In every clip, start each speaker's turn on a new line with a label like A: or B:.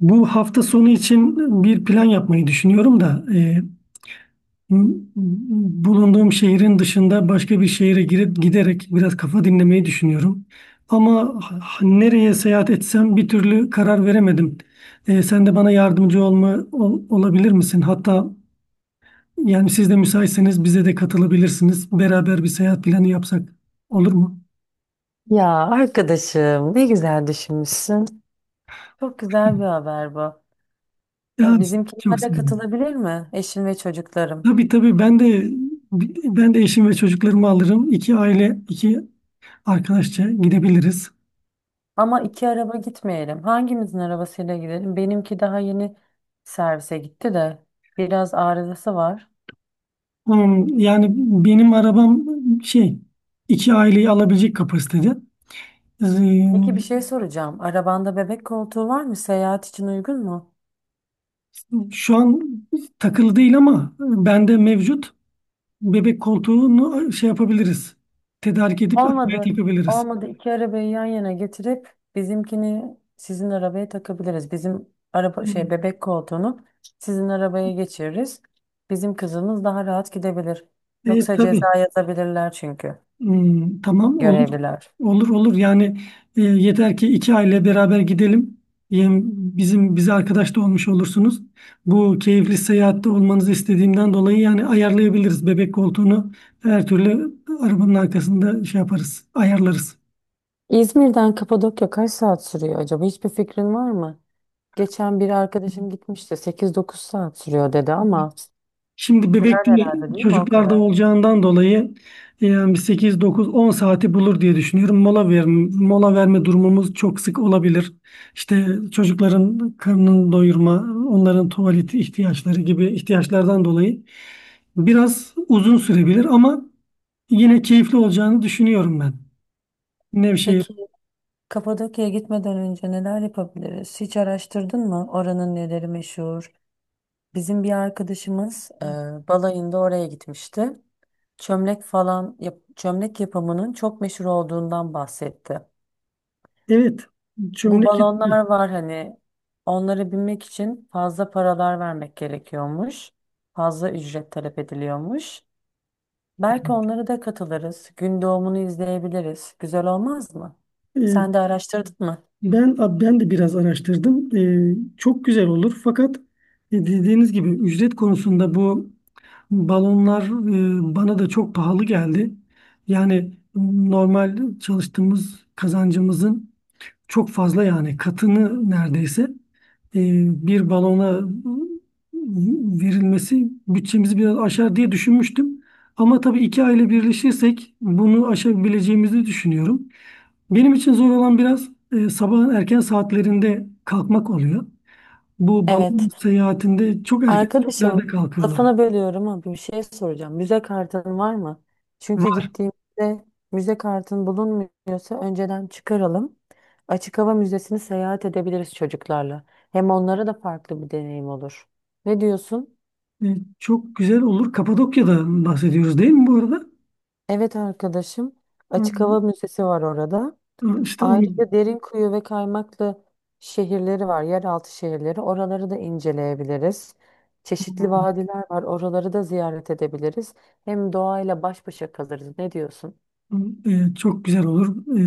A: Bu hafta sonu için bir plan yapmayı düşünüyorum da m- bulunduğum şehrin dışında başka bir şehre girip giderek biraz kafa dinlemeyi düşünüyorum. Ama nereye seyahat etsem bir türlü karar veremedim. Sen de bana yardımcı olabilir misin? Hatta yani siz de müsaitseniz bize de katılabilirsiniz. Beraber bir seyahat planı yapsak olur mu?
B: Ya arkadaşım ne güzel düşünmüşsün. Çok güzel bir haber bu.
A: Ya çok
B: Bizimkiler de
A: sevinirim.
B: katılabilir mi? Eşim ve çocuklarım.
A: Tabii tabii ben de eşim ve çocuklarımı alırım. İki aile, arkadaşça gidebiliriz.
B: Ama iki araba gitmeyelim. Hangimizin arabasıyla gidelim? Benimki daha yeni servise gitti de biraz arızası var.
A: Hmm, yani benim arabam şey iki aileyi alabilecek kapasitede. Ee,
B: Peki bir şey soracağım. Arabanda bebek koltuğu var mı? Seyahat için uygun mu?
A: Şu an takılı değil ama bende mevcut bebek koltuğunu şey yapabiliriz. Tedarik edip arkaya
B: Olmadı.
A: takabiliriz.
B: Olmadı. İki arabayı yan yana getirip bizimkini sizin arabaya takabiliriz. Bizim araba şey
A: Hmm.
B: bebek koltuğunu sizin arabaya geçiririz. Bizim kızımız daha rahat gidebilir.
A: E,
B: Yoksa
A: tabii.
B: ceza yazabilirler çünkü
A: Hmm, tamam olur.
B: görevliler.
A: Olur olur yani yeter ki iki aile beraber gidelim. Yem- Bizim bize arkadaş da olmuş olursunuz. Bu keyifli seyahatte olmanızı istediğimden dolayı yani ayarlayabiliriz bebek koltuğunu. Her türlü arabanın arkasında şey yaparız, ayarlarız.
B: İzmir'den Kapadokya kaç saat sürüyor acaba? Hiçbir fikrin var mı? Geçen bir arkadaşım gitmişti. 8-9 saat sürüyor dedi ama
A: Şimdi bebek
B: sürer
A: değil,
B: herhalde değil mi o
A: çocuklarda
B: kadar?
A: olacağından dolayı yani 8 9 10 saati bulur diye düşünüyorum. Mola verme durumumuz çok sık olabilir. İşte çocukların karnını doyurma, onların tuvalet ihtiyaçları gibi ihtiyaçlardan dolayı biraz uzun sürebilir ama yine keyifli olacağını düşünüyorum ben. Nevşehir.
B: Peki Kapadokya'ya gitmeden önce neler yapabiliriz? Hiç araştırdın mı? Oranın neleri meşhur? Bizim bir arkadaşımız balayında oraya gitmişti. Çömlek falan, çömlek yapımının çok meşhur olduğundan bahsetti.
A: Evet,
B: Bu
A: çömlek.
B: balonlar var hani onlara binmek için fazla paralar vermek gerekiyormuş. Fazla ücret talep ediliyormuş. Belki onlara da katılırız. Gün doğumunu izleyebiliriz. Güzel olmaz mı? Sen de araştırdın mı?
A: Ben de biraz araştırdım. Çok güzel olur. Fakat dediğiniz gibi ücret konusunda bu balonlar bana da çok pahalı geldi. Yani normal çalıştığımız kazancımızın çok fazla yani katını neredeyse e, bir balona verilmesi bütçemizi biraz aşar diye düşünmüştüm. Ama tabii iki aile birleşirsek bunu aşabileceğimizi düşünüyorum. Benim için zor olan biraz sabahın erken saatlerinde kalkmak oluyor. Bu balon
B: Evet.
A: seyahatinde çok erken saatlerde
B: Arkadaşım
A: kalkıyorlar.
B: lafını bölüyorum ama bir şey soracağım. Müze kartın var mı? Çünkü
A: Var.
B: gittiğimizde müze kartın bulunmuyorsa önceden çıkaralım. Açık hava müzesini seyahat edebiliriz çocuklarla. Hem onlara da farklı bir deneyim olur. Ne diyorsun?
A: E, çok güzel olur. Kapadokya'dan bahsediyoruz değil mi bu arada?
B: Evet arkadaşım.
A: Hı,
B: Açık hava müzesi var orada.
A: hı. İşte onu.
B: Ayrıca Derinkuyu ve Kaymaklı şehirleri var, yeraltı şehirleri. Oraları da inceleyebiliriz. Çeşitli vadiler var, oraları da ziyaret edebiliriz. Hem doğayla baş başa kalırız. Ne diyorsun?
A: Çok güzel olur. E,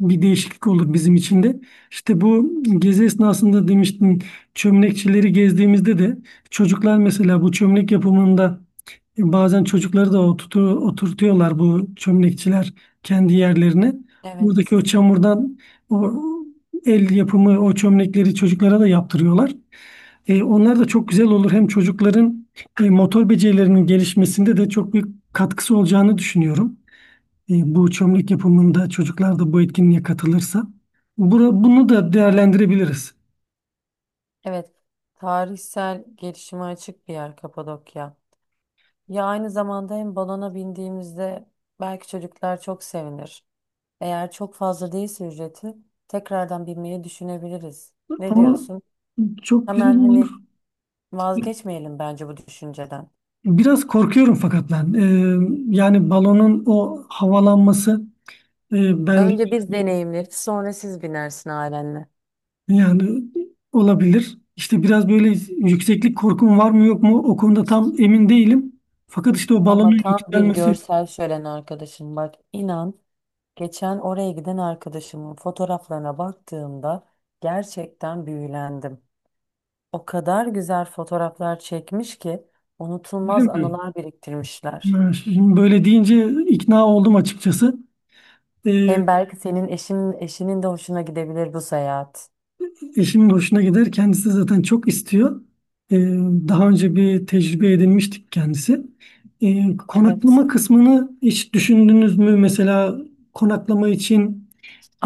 A: bir değişiklik olur bizim için de. İşte bu gezi esnasında demiştin çömlekçileri gezdiğimizde de çocuklar mesela bu çömlek yapımında bazen çocukları da oturtuyorlar bu çömlekçiler kendi yerlerine. Buradaki
B: Evet,
A: o çamurdan o el yapımı o çömlekleri çocuklara da yaptırıyorlar. Onlar da çok güzel olur. Hem çocukların motor becerilerinin gelişmesinde de çok büyük katkısı olacağını düşünüyorum. Bu çömlek yapımında çocuklar da bu etkinliğe katılırsa bunu da değerlendirebiliriz.
B: evet. Tarihsel gelişime açık bir yer Kapadokya. Ya aynı zamanda hem balona bindiğimizde belki çocuklar çok sevinir. Eğer çok fazla değilse ücreti tekrardan binmeyi düşünebiliriz. Ne
A: Ama
B: diyorsun?
A: çok
B: Hemen hani vazgeçmeyelim bence bu düşünceden.
A: biraz korkuyorum fakat ben. Yani balonun o havalanması bende
B: Önce biz deneyimleriz, sonra siz binersin ailenle.
A: yani olabilir. İşte biraz böyle yükseklik korkum var mı yok mu o konuda tam emin değilim. Fakat işte o
B: Ama
A: balonun
B: tam bir
A: yükselmesi
B: görsel şölen arkadaşım, bak inan, geçen oraya giden arkadaşımın fotoğraflarına baktığımda gerçekten büyülendim. O kadar güzel fotoğraflar çekmiş ki unutulmaz
A: bilemiyorum.
B: anılar biriktirmişler.
A: Yani şimdi böyle deyince ikna oldum açıkçası. E,
B: Hem belki senin eşinin de hoşuna gidebilir bu seyahat.
A: Eşimin hoşuna gider. Kendisi de zaten çok istiyor. Ee, daha önce bir tecrübe edinmiştik kendisi. Ee,
B: Evet.
A: konaklama kısmını hiç düşündünüz mü? Mesela konaklama için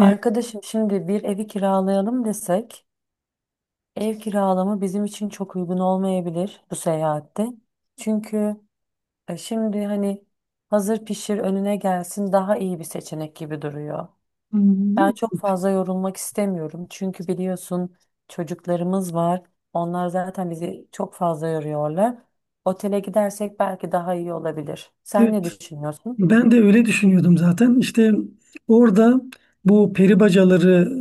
A: e,
B: şimdi bir evi kiralayalım desek. Ev kiralama bizim için çok uygun olmayabilir bu seyahatte. Çünkü şimdi hani hazır pişir önüne gelsin daha iyi bir seçenek gibi duruyor. Ben çok fazla yorulmak istemiyorum. Çünkü biliyorsun çocuklarımız var. Onlar zaten bizi çok fazla yoruyorlar. Otele gidersek belki daha iyi olabilir. Sen
A: evet,
B: ne düşünüyorsun?
A: ben de öyle düşünüyordum zaten. İşte orada bu peri bacaları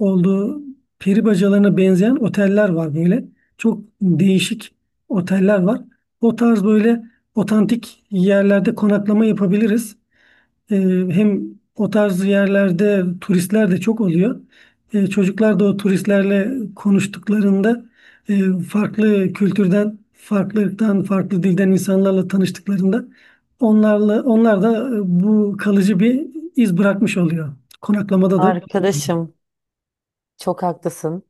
A: olduğu peri bacalarına benzeyen oteller var böyle. Çok değişik oteller var. O tarz böyle otantik yerlerde konaklama yapabiliriz. E, hem o tarz yerlerde turistler de çok oluyor. Çocuklar da o turistlerle konuştuklarında farklı kültürden, farklılıktan, farklı dilden insanlarla tanıştıklarında onlarla onlar da bu kalıcı bir iz bırakmış oluyor. Konaklamada da
B: Arkadaşım çok haklısın.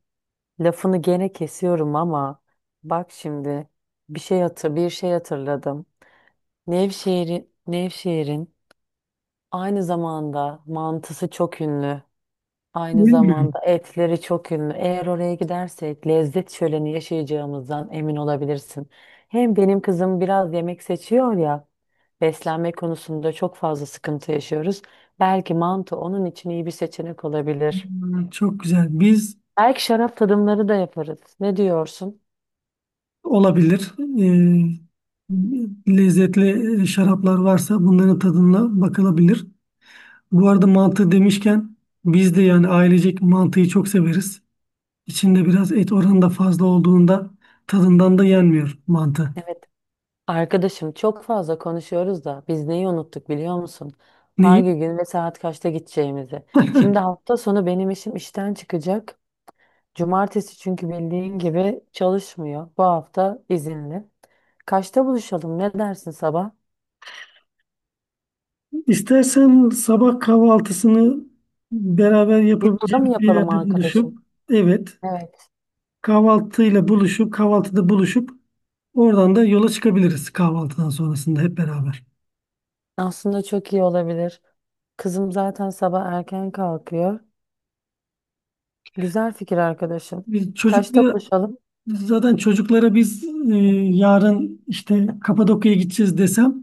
B: Lafını gene kesiyorum ama bak şimdi bir şey hatırladım. Nevşehir'in aynı zamanda mantısı çok ünlü. Aynı
A: bilmiyorum.
B: zamanda etleri çok ünlü. Eğer oraya gidersek lezzet şöleni yaşayacağımızdan emin olabilirsin. Hem benim kızım biraz yemek seçiyor ya. Beslenme konusunda çok fazla sıkıntı yaşıyoruz. Belki mantı onun için iyi bir seçenek olabilir.
A: Hmm, çok güzel. Biz
B: Belki şarap tadımları da yaparız. Ne diyorsun?
A: olabilir. E, lezzetli şaraplar varsa bunların tadına bakılabilir. Bu arada mantı demişken biz de yani ailecek mantıyı çok severiz. İçinde biraz et oranı da fazla olduğunda tadından da yenmiyor mantı.
B: Arkadaşım çok fazla konuşuyoruz da biz neyi unuttuk biliyor musun?
A: Neyi?
B: Hangi gün ve saat kaçta gideceğimizi. Şimdi hafta sonu benim işim işten çıkacak. Cumartesi çünkü bildiğin gibi çalışmıyor. Bu hafta izinli. Kaçta buluşalım? Ne dersin sabah?
A: İstersen sabah kahvaltısını beraber
B: Yolda mı
A: yapabileceğimiz bir
B: yapalım
A: yerde buluşup,
B: arkadaşım?
A: evet,
B: Evet.
A: kahvaltıyla buluşup kahvaltıda buluşup oradan da yola çıkabiliriz kahvaltıdan sonrasında hep beraber.
B: Aslında çok iyi olabilir. Kızım zaten sabah erken kalkıyor. Güzel fikir arkadaşım.
A: Biz
B: Kaçta
A: çocuklara
B: buluşalım?
A: zaten çocuklara biz e, yarın işte Kapadokya'ya gideceğiz desem,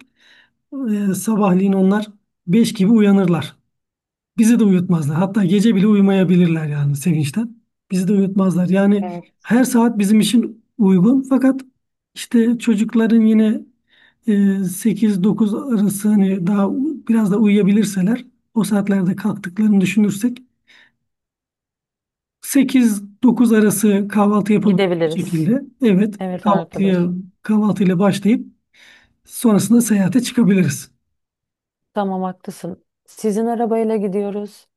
A: Sabahleyin onlar 5 gibi uyanırlar. Bizi de uyutmazlar. Hatta gece bile uyumayabilirler yani sevinçten. Bizi de uyutmazlar. Yani
B: Evet.
A: her saat bizim için uygun. Fakat işte çocukların yine e, 8-9 arası hani daha biraz da uyuyabilirseler o saatlerde kalktıklarını düşünürsek sekiz dokuz arası kahvaltı yapabilecek
B: Gidebiliriz.
A: şekilde, evet,
B: Evet arkadaşım.
A: kahvaltıyla başlayıp sonrasında seyahate çıkabiliriz.
B: Tamam haklısın. Sizin arabayla gidiyoruz.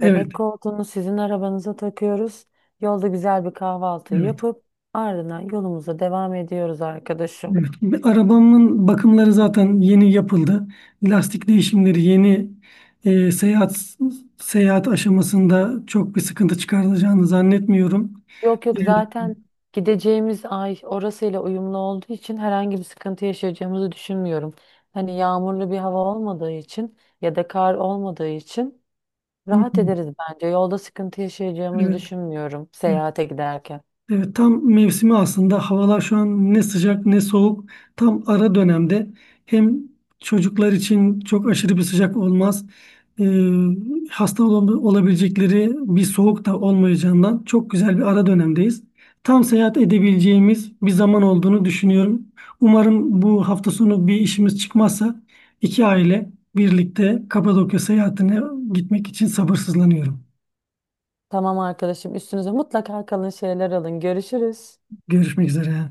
A: Evet,
B: Bebek koltuğunu sizin arabanıza takıyoruz. Yolda güzel bir kahvaltı
A: evet.
B: yapıp ardından yolumuza devam ediyoruz arkadaşım.
A: Evet, arabamın bakımları zaten yeni yapıldı. Lastik değişimleri yeni e, seyahat seyahat aşamasında çok bir sıkıntı çıkartacağını zannetmiyorum.
B: Yok
A: E,
B: yok zaten gideceğimiz ay orasıyla uyumlu olduğu için herhangi bir sıkıntı yaşayacağımızı düşünmüyorum. Hani yağmurlu bir hava olmadığı için ya da kar olmadığı için
A: hı,
B: rahat ederiz bence. Yolda sıkıntı yaşayacağımızı
A: evet,
B: düşünmüyorum
A: evet.
B: seyahate giderken.
A: Evet, tam mevsimi aslında. Havalar şu an ne sıcak ne soğuk. Tam ara dönemde. Hem çocuklar için çok aşırı bir sıcak olmaz. Ee, hasta olabilecekleri bir soğuk da olmayacağından çok güzel bir ara dönemdeyiz. Tam seyahat edebileceğimiz bir zaman olduğunu düşünüyorum. Umarım bu hafta sonu bir işimiz çıkmazsa iki aile birlikte Kapadokya seyahatine gitmek için sabırsızlanıyorum.
B: Tamam arkadaşım üstünüze mutlaka kalın şeyler alın. Görüşürüz.
A: Görüşmek üzere.